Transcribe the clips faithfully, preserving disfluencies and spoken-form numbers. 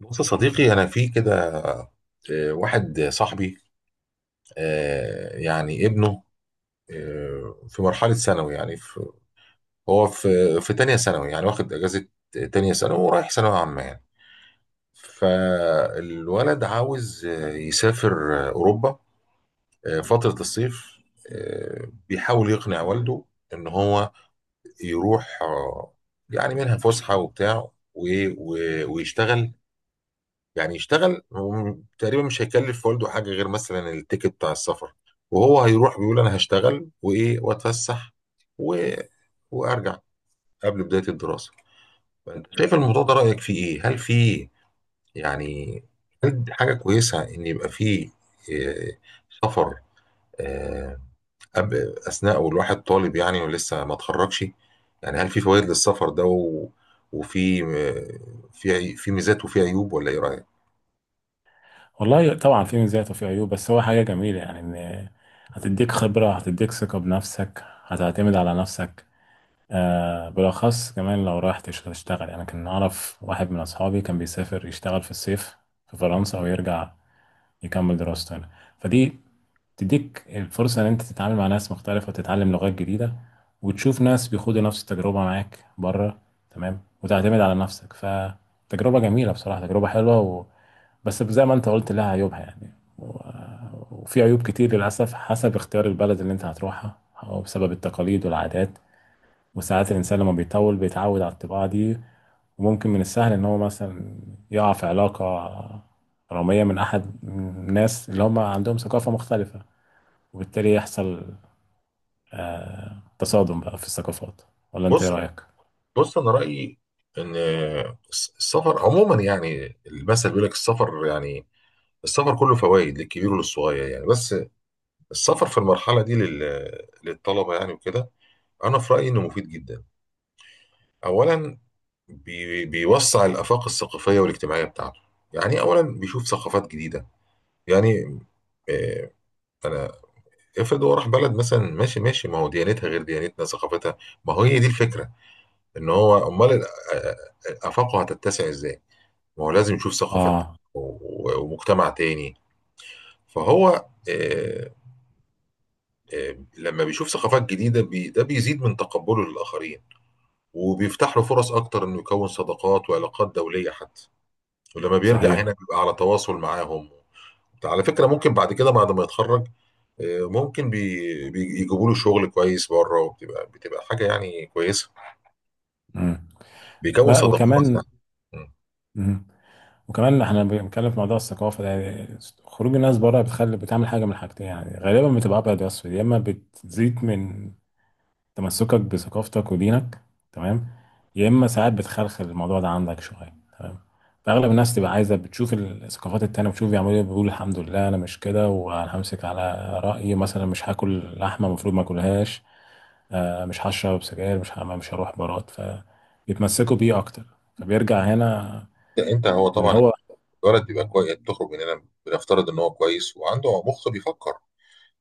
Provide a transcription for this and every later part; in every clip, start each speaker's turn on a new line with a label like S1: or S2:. S1: بص يا صديقي، انا في كده. آه، واحد صاحبي، آه، يعني ابنه، آه، في مرحله ثانوي، يعني في، هو في في تانية ثانوي، يعني واخد اجازه تانية ثانوي ورايح ثانويه عامه يعني. فالولد عاوز آه، يسافر، آه، اوروبا، آه، فتره الصيف. آه، بيحاول يقنع والده ان هو يروح، آه، يعني منها فسحه وبتاع و- و- ويشتغل. يعني يشتغل هو، تقريبا مش هيكلف والده حاجه غير مثلا التيكت بتاع السفر. وهو هيروح بيقول انا هشتغل وايه واتفسح و... وارجع قبل بدايه الدراسه. فانت شايف الموضوع ده رايك فيه ايه؟ هل فيه يعني، هل دي حاجه كويسه ان يبقى فيه آه، سفر، آه، أب... اثناء والواحد طالب يعني ولسه ما اتخرجش؟ يعني هل في فوائد للسفر ده و... وفي آه، في عي- في ميزات وفي عيوب، ولا ايه رايك؟
S2: والله طبعا في مزايا وفي عيوب، بس هو حاجة جميلة يعني. إن هتديك خبرة، هتديك ثقة بنفسك، هتعتمد على نفسك. آه، بالأخص كمان لو رايح تش- تشتغل يعني. كان أعرف واحد من أصحابي كان بيسافر يشتغل في الصيف في فرنسا ويرجع يكمل دراسته هنا. فدي تديك الفرصة إن أنت تتعامل مع ناس مختلفة وتتعلم لغات جديدة وتشوف ناس بيخوضوا نفس التجربة معاك بره، تمام، وتعتمد على نفسك. فتجربة جميلة بصراحة، تجربة حلوة، بس زي ما انت قلت لها عيوبها يعني. و- وفي عيوب كتير للأسف حسب اختيار البلد اللي انت هتروحها أو بسبب التقاليد والعادات. وساعات الإنسان لما بيطول بيتعود على الطباع دي. وممكن من السهل إن هو مثلا يقع في علاقة رمية من أحد الناس اللي هم عندهم ثقافة مختلفة، وبالتالي يحصل آه تصادم بقى في الثقافات. ولا أنت إيه
S1: بص،
S2: رأيك؟
S1: بص انا رايي ان الس- السفر عموما، يعني المثل بيقول لك السفر، يعني السفر كله فوائد للكبير وللصغير يعني. بس السفر في المرحله دي لل- للطلبه يعني وكده، انا في رايي انه مفيد جدا. اولا بي بيوسع الافاق الثقافيه والاجتماعيه بتاعته. يعني اولا بيشوف ثقافات جديده، يعني آه، انا افرض هو راح بلد مثلا، ماشي ماشي، ما هو ديانتها غير ديانتنا، ثقافتها، ما هو هي دي الفكره، ان هو امال ال- آه، آه، آه، افاقه هتتسع ازاي؟ ما هو لازم يشوف ثقافة
S2: آه
S1: و- و- ومجتمع تاني. فهو آه، آه، لما بيشوف ثقافات جديدة، بي ده بيزيد من تقبله للآخرين، وبيفتح له فرص أكتر إنه يكون صداقات وعلاقات دولية حتى. ولما بيرجع
S2: صحيح.
S1: هنا بيبقى على تواصل معاهم. على فكرة ممكن بعد كده بعد ما يتخرج، آه، ممكن بي بي- يجيبوا له شغل كويس بره، وبتبقى بتبقى حاجة يعني كويسة،
S2: مم.
S1: بيكون
S2: بقى
S1: صداقات
S2: وكمان
S1: يعني. مم.
S2: مم. وكمان احنا بنتكلم في موضوع الثقافة ده، يعني خروج الناس بره بتخلي بتعمل حاجة من حاجتين، يعني غالبا بتبقى أبيض وأسود. يا إما بتزيد من تمسكك بثقافتك ودينك، تمام، يا إما ساعات بتخلخل الموضوع ده عندك شوية، تمام. فأغلب الناس تبقى عايزة بتشوف الثقافات التانية، بتشوف بيعملوا إيه، بيقولوا الحمد لله أنا مش كده، وأنا همسك على رأيي. مثلا مش هاكل لحمة، المفروض ما أكلهاش، آه، مش هشرب سجاير، مش ه- مش هروح بارات، فبيتمسكوا بيه أكتر فبيرجع هنا
S1: انت، هو
S2: اللي
S1: طبعا
S2: هو.
S1: الولد بيبقى كويس، بتخرج من هنا بنفترض ان هو كويس وعنده مخ بيفكر،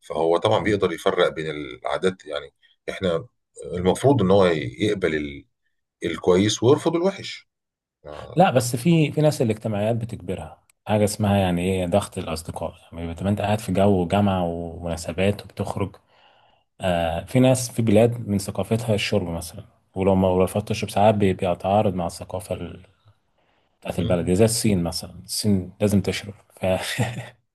S1: فهو طبعا
S2: آه.
S1: بيقدر يفرق بين العادات يعني. احنا المفروض ان هو يقبل ال- الكويس ويرفض الوحش. ما
S2: لا، بس في في ناس الاجتماعيات بتجبرها حاجة اسمها يعني ايه ضغط الأصدقاء. يعني بتبقى أنت قاعد في جو جامعة ومناسبات وبتخرج. آه، في ناس في بلاد من ثقافتها الشرب مثلا، ولو ما رفضت تشرب ساعات بي- بيتعارض مع الثقافة ال- بتاعت البلد، زي الصين مثلا. الصين لازم تشرب ف...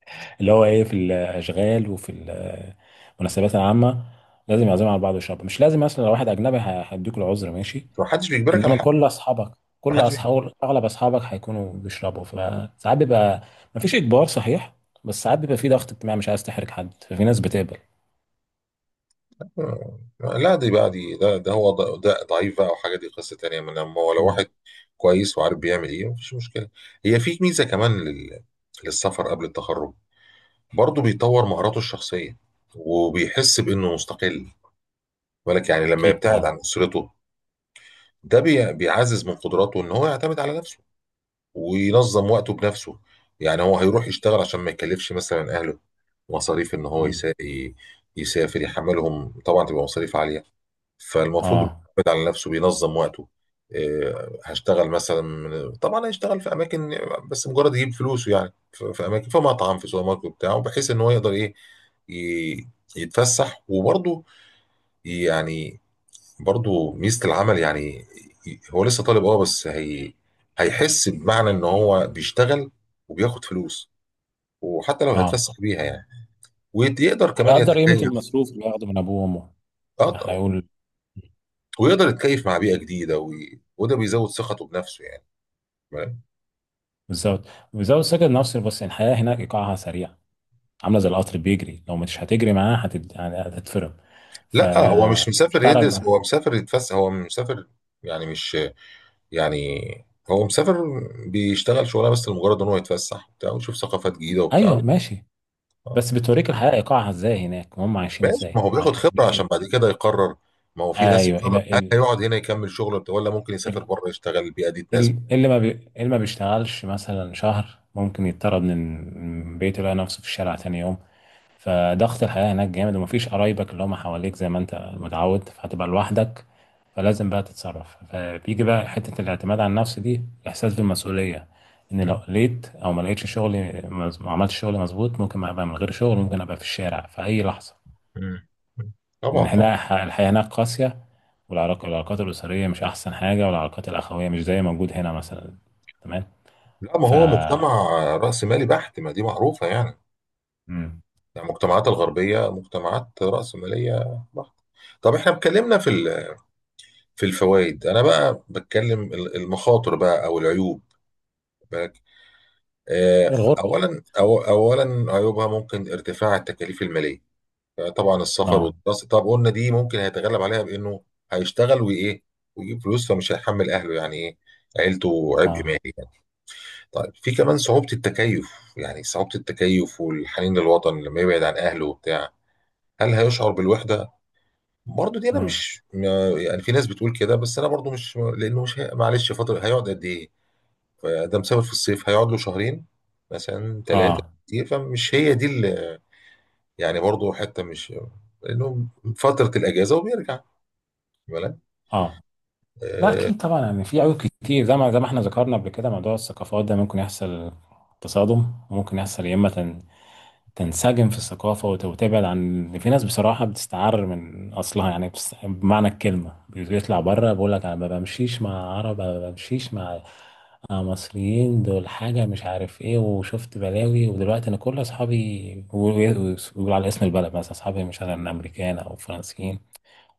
S2: اللي هو ايه في الأشغال وفي ال- المناسبات العامة، لازم يعزموا على بعض ويشربوا. مش لازم، مثلا لو واحد أجنبي ه- هيديك العذر ماشي،
S1: ما حدش بيجبرك على
S2: انما
S1: حاجه.
S2: كل اصحابك،
S1: ما
S2: كل
S1: حدش بيجبرك.
S2: اصحاب اغلب اصحابك هيكونوا بيشربوا فساعات بيبقى مفيش اجبار، صحيح. بس ساعات بيبقى في ضغط اجتماعي، مش عايز تحرج حد، ففي ناس بتقبل.
S1: لا، دي بقى، دي ده ده هو ض- ده ضعيف بقى، وحاجه دي قصه تانيه. من لما هو لو
S2: مم.
S1: واحد كويس وعارف بيعمل ايه، مفيش مشكله. هي في ميزه كمان لل... للسفر قبل التخرج، برضه بيطور مهاراته الشخصيه وبيحس بانه مستقل. بالك يعني لما
S2: اكيد
S1: يبتعد
S2: طبعا.
S1: عن اسرته، ده بي... بيعزز من قدراته ان هو يعتمد على نفسه وينظم وقته بنفسه. يعني هو هيروح يشتغل عشان ما يكلفش مثلا اهله مصاريف ان هو
S2: مم.
S1: يسا... ي- يسافر، يحملهم طبعا تبقى مصاريف عاليه. فالمفروض
S2: اه
S1: بيعتمد على نفسه، بينظم وقته. إيه، هشتغل مثلا من- طبعا هيشتغل في اماكن، بس مجرد يجيب فلوسه، يعني في في اماكن، في مطعم، في سوبر ماركت بتاعه، بحيث ان هو يقدر ايه ي- يتفسح وبرضه يعني، برضو ميزة العمل يعني. هو لسه طالب اه بس هي هيحس بمعنى ان هو بيشتغل وبياخد فلوس، وحتى لو
S2: اه
S1: هيتفسح بيها يعني. ويقدر كمان
S2: هيقدر قيمة
S1: يتكيف.
S2: المصروف اللي بياخده من ابوه وامه.
S1: اه طبعا.
S2: هيقول،
S1: ويقدر يتكيف مع بيئة جديدة، وي... وده بيزود ثقته بنفسه يعني، فاهم؟
S2: بالظبط بالظبط. سكت نفسي، بس الحياة هناك ايقاعها سريع، عاملة زي القطر بيجري. لو مش هتجري معاه هتت... يعني هتتفرم،
S1: لا، هو مش
S2: فمش
S1: مسافر
S2: هتعرف.
S1: يدرس، هو مسافر يتفسح، هو مسافر، يعني مش، يعني هو مسافر بيشتغل شغلانه بس لمجرد ان هو يتفسح وبتاع ويشوف ثقافات جديده وبتاع.
S2: ايوه ماشي، بس بتوريك الحياة ايقاعها ازاي هناك وهم عايشين
S1: ماشي، ما
S2: ازاي،
S1: هو
S2: تمام.
S1: بياخد خبرة عشان بعد كده يقرر. ما هو في ناس
S2: ايوه ال-
S1: يقرر هل
S2: ال-
S1: هيقعد هنا يكمل شغله بتاع- ولا ممكن يسافر
S2: ال-
S1: بره يشتغل، البيئة دي تناسبه.
S2: ال- اللي ما بي... اللي ما بيشتغلش مثلا شهر ممكن يضطرد من من بيته، يلاقي نفسه في الشارع تاني يوم. فضغط الحياة هناك جامد، ومفيش قرايبك اللي هم حواليك زي ما انت متعود، فهتبقى لوحدك. فلازم بقى تتصرف، فبيجي بقى حتة الاعتماد على النفس دي، احساس بالمسؤولية. ان لو
S1: مم.
S2: لقيت او ما لقيتش شغلي، مز- ما عملتش شغلي مظبوط، ممكن ابقى من غير شغل، ممكن ابقى في الشارع في اي لحظة.
S1: مم. طبعا،
S2: ان
S1: طبعا.
S2: احنا الحياه هناك قاسيه. والعلاق- والعلاقات الاسريه مش احسن حاجه، والعلاقات الاخويه مش زي موجود هنا مثلا، تمام.
S1: لا ما
S2: ف
S1: هو مجتمع رأس مالي بحت، ما دي معروفة يعني.
S2: مم.
S1: يعني المجتمعات الغربية مجتمعات رأس مالية بحت. طب احنا اتكلمنا في ال- في الفوائد، انا بقى بتكلم ال- المخاطر بقى او العيوب. بالك، آه،
S2: هي الغربه.
S1: اولا، أو اولا عيوبها ممكن ارتفاع التكاليف المالية. طبعا السفر
S2: اه
S1: والدراسه، طب قلنا دي ممكن هيتغلب عليها بانه هيشتغل وايه ويجيب فلوس، فمش هيحمل اهله يعني ايه، عيلته عبء
S2: اه.
S1: مالي يعني. طيب في كمان صعوبه التكيف، يعني صعوبه التكيف والحنين للوطن لما يبعد عن اهله وبتاع. هل هيشعر بالوحده؟ برضه دي انا
S2: مم.
S1: مش ما- يعني في ناس بتقول كده، بس انا برضه مش، لانه مش هي- معلش فتره هيقعد قد ايه؟ فده مسافر في الصيف هيقعد له شهرين مثلا ثلاثه،
S2: اه
S1: كتير فمش هي دي اللي يعني، برضه حته مش لانه فتره الاجازه وبيرجع، بالك.
S2: اه. لا
S1: آه،
S2: اكيد طبعا، يعني في عيوب كتير، زي ما زي ما احنا ذكرنا قبل كده، موضوع الثقافات ده ممكن يحصل تصادم، وممكن يحصل يا اما تنسجم في الثقافة وت- وتبعد عن. في ناس بصراحة بتستعر من أصلها يعني، بس بمعنى الكلمة بيطلع بره بيقول لك أنا ما بمشيش مع عرب، أنا ما بمشيش مع مع مصريين، دول حاجة مش عارف إيه، وشفت بلاوي، ودلوقتي أنا كل أصحابي بيقول على اسم البلد مثلا، أصحابي مش أنا، أمريكان أو فرنسيين،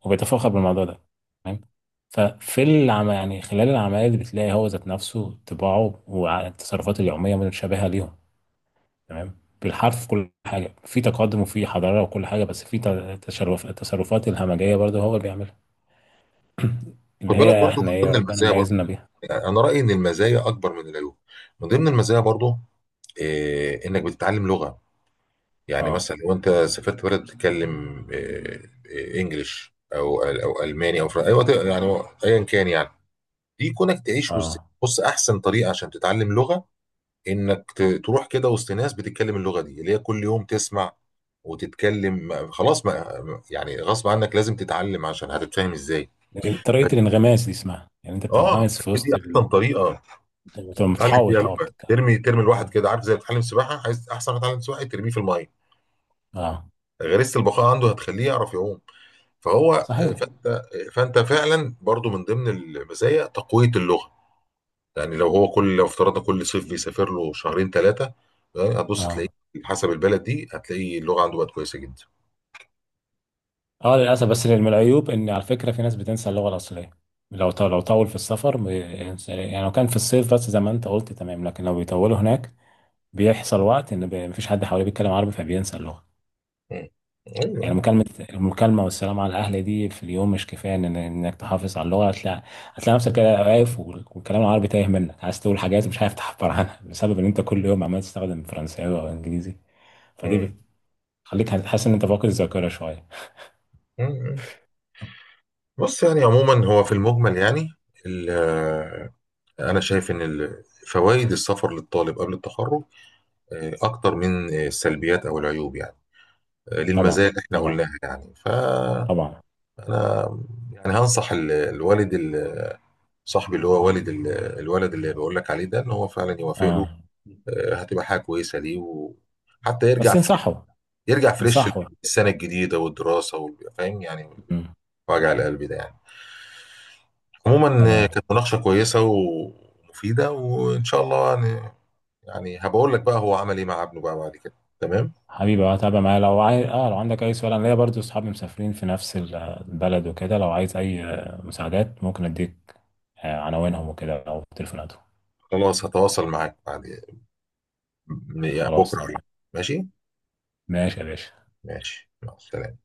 S2: وبيتفاخر بالموضوع ده، تمام. ففي العم... يعني خلال العملية اللي بتلاقي هو ذات نفسه طباعه والتصرفات اليومية متشابهة ليهم، تمام بالحرف، كل حاجه، في تقدم وفي حضاره وكل حاجه، بس في ت- تشرف التصرفات الهمجيه برضه هو اللي بيعملها،
S1: خد
S2: اللي
S1: بالك
S2: هي
S1: برضه،
S2: احنا
S1: من
S2: ايه
S1: ضمن
S2: ربنا
S1: المزايا برضه،
S2: ميزنا بيها.
S1: يعني انا رايي ان المزايا اكبر من العيوب. من ضمن المزايا برضه، آه، انك بتتعلم لغه. يعني
S2: اه.
S1: مثلا لو انت سافرت بلد بتتكلم آه، آه، انجليش او او الماني او فرنسي، ايوه يعني ايا كان يعني. دي كونك تعيش وسط،
S2: اه،
S1: بص، احسن طريقه عشان تتعلم لغه انك ت- تروح كده وسط ناس بتتكلم اللغه دي، اللي هي كل يوم تسمع وتتكلم، خلاص ما يعني، غصب عنك لازم تتعلم، عشان هتتفاهم ازاي؟
S2: طريقه الانغماس دي اسمها، يعني انت
S1: اه،
S2: بتنغمس في
S1: هي دي
S2: وسط
S1: احسن
S2: ال...
S1: طريقه
S2: بتبقى
S1: تتعلم بيها
S2: متحوط، اه،
S1: لغه.
S2: بتتكلم.
S1: ترمي، ترمي الواحد كده، عارف زي اللي بتتعلم سباحه، عايز احسن واحد يتعلم سباحه، ترميه في الميه،
S2: اه
S1: غريزه البقاء عنده هتخليه يعرف يعوم. فهو،
S2: صحيح.
S1: فانت فانت، فعلا برضو من ضمن المزايا تقويه اللغه. يعني لو هو كل، لو افترضنا كل صيف بيسافر له شهرين ثلاثه، يعني هتبص تلاقيه
S2: اه
S1: حسب البلد دي، هتلاقي اللغه عنده بقت كويسه جدا.
S2: اه للاسف، بس من العيوب ان على فكره في ناس بتنسى اللغه الاصليه. لو ط- لو طول في السفر بينسى- يعني لو كان في الصيف بس زي ما انت قلت، تمام، لكن لو بيطولوا هناك، بيحصل وقت ان بي- مفيش حد حواليه بيتكلم عربي، فبينسى اللغه.
S1: مم. ايوه،
S2: يعني
S1: أيوة.
S2: مكالمة المكالمة والسلام على الأهل دي في اليوم مش كفاية إن إنك تحافظ على اللغة. هتلاقي هتلاقي نفسك كده واقف والكلام العربي تايه منك، عايز تقول حاجات مش عارف تعبر عنها بسبب إن أنت كل يوم عمال تستخدم فرنساوي أو إنجليزي. فدي
S1: مم.
S2: بتخليك حاسس إن أنت فاقد الذاكرة شوية.
S1: مم. بص، يعني عموما هو في المجمل يعني، ال- أنا شايف إن ال- فوائد السفر للطالب قبل التخرج آه، أكتر من آه، السلبيات أو العيوب، يعني آه، للمزايا
S2: طبعا
S1: اللي إحنا
S2: طبعا
S1: قلناها يعني. فأنا
S2: طبعا.
S1: يعني هنصح ال- الوالد، ال- صاحبي اللي هو والد ال- الولد اللي بقول لك عليه ده، إن هو فعلا يوافق له.
S2: آه،
S1: آه، هتبقى حاجة كويسة ليه، وحتى
S2: بس
S1: يرجع ف-
S2: ينصحوا
S1: يرجع فريش
S2: ينصحوا.
S1: السنة الجديدة والدراسة وال- فاهم يعني،
S2: مم.
S1: وجع القلب ده يعني. عموما آه،
S2: تمام.
S1: كانت مناقشة كويسة ومفيدة، وإن شاء الله يعني هبقول لك بقى هو عمل ايه مع ابنه بقى بعد كده. تمام.
S2: حبيبي، اه تابع معايا لو عايز، اه لو عندك اي سؤال. انا ليا برضو اصحابي مسافرين في نفس ال- البلد وكده، لو عايز اي آه، مساعدات، ممكن اديك آه، عناوينهم وكده او تليفوناتهم.
S1: خلاص هتواصل معاك بعد، يعني
S2: خلاص
S1: بكره.
S2: تمام.
S1: ماشي.
S2: ماشي يا باشا.
S1: ماشي يلا سلام.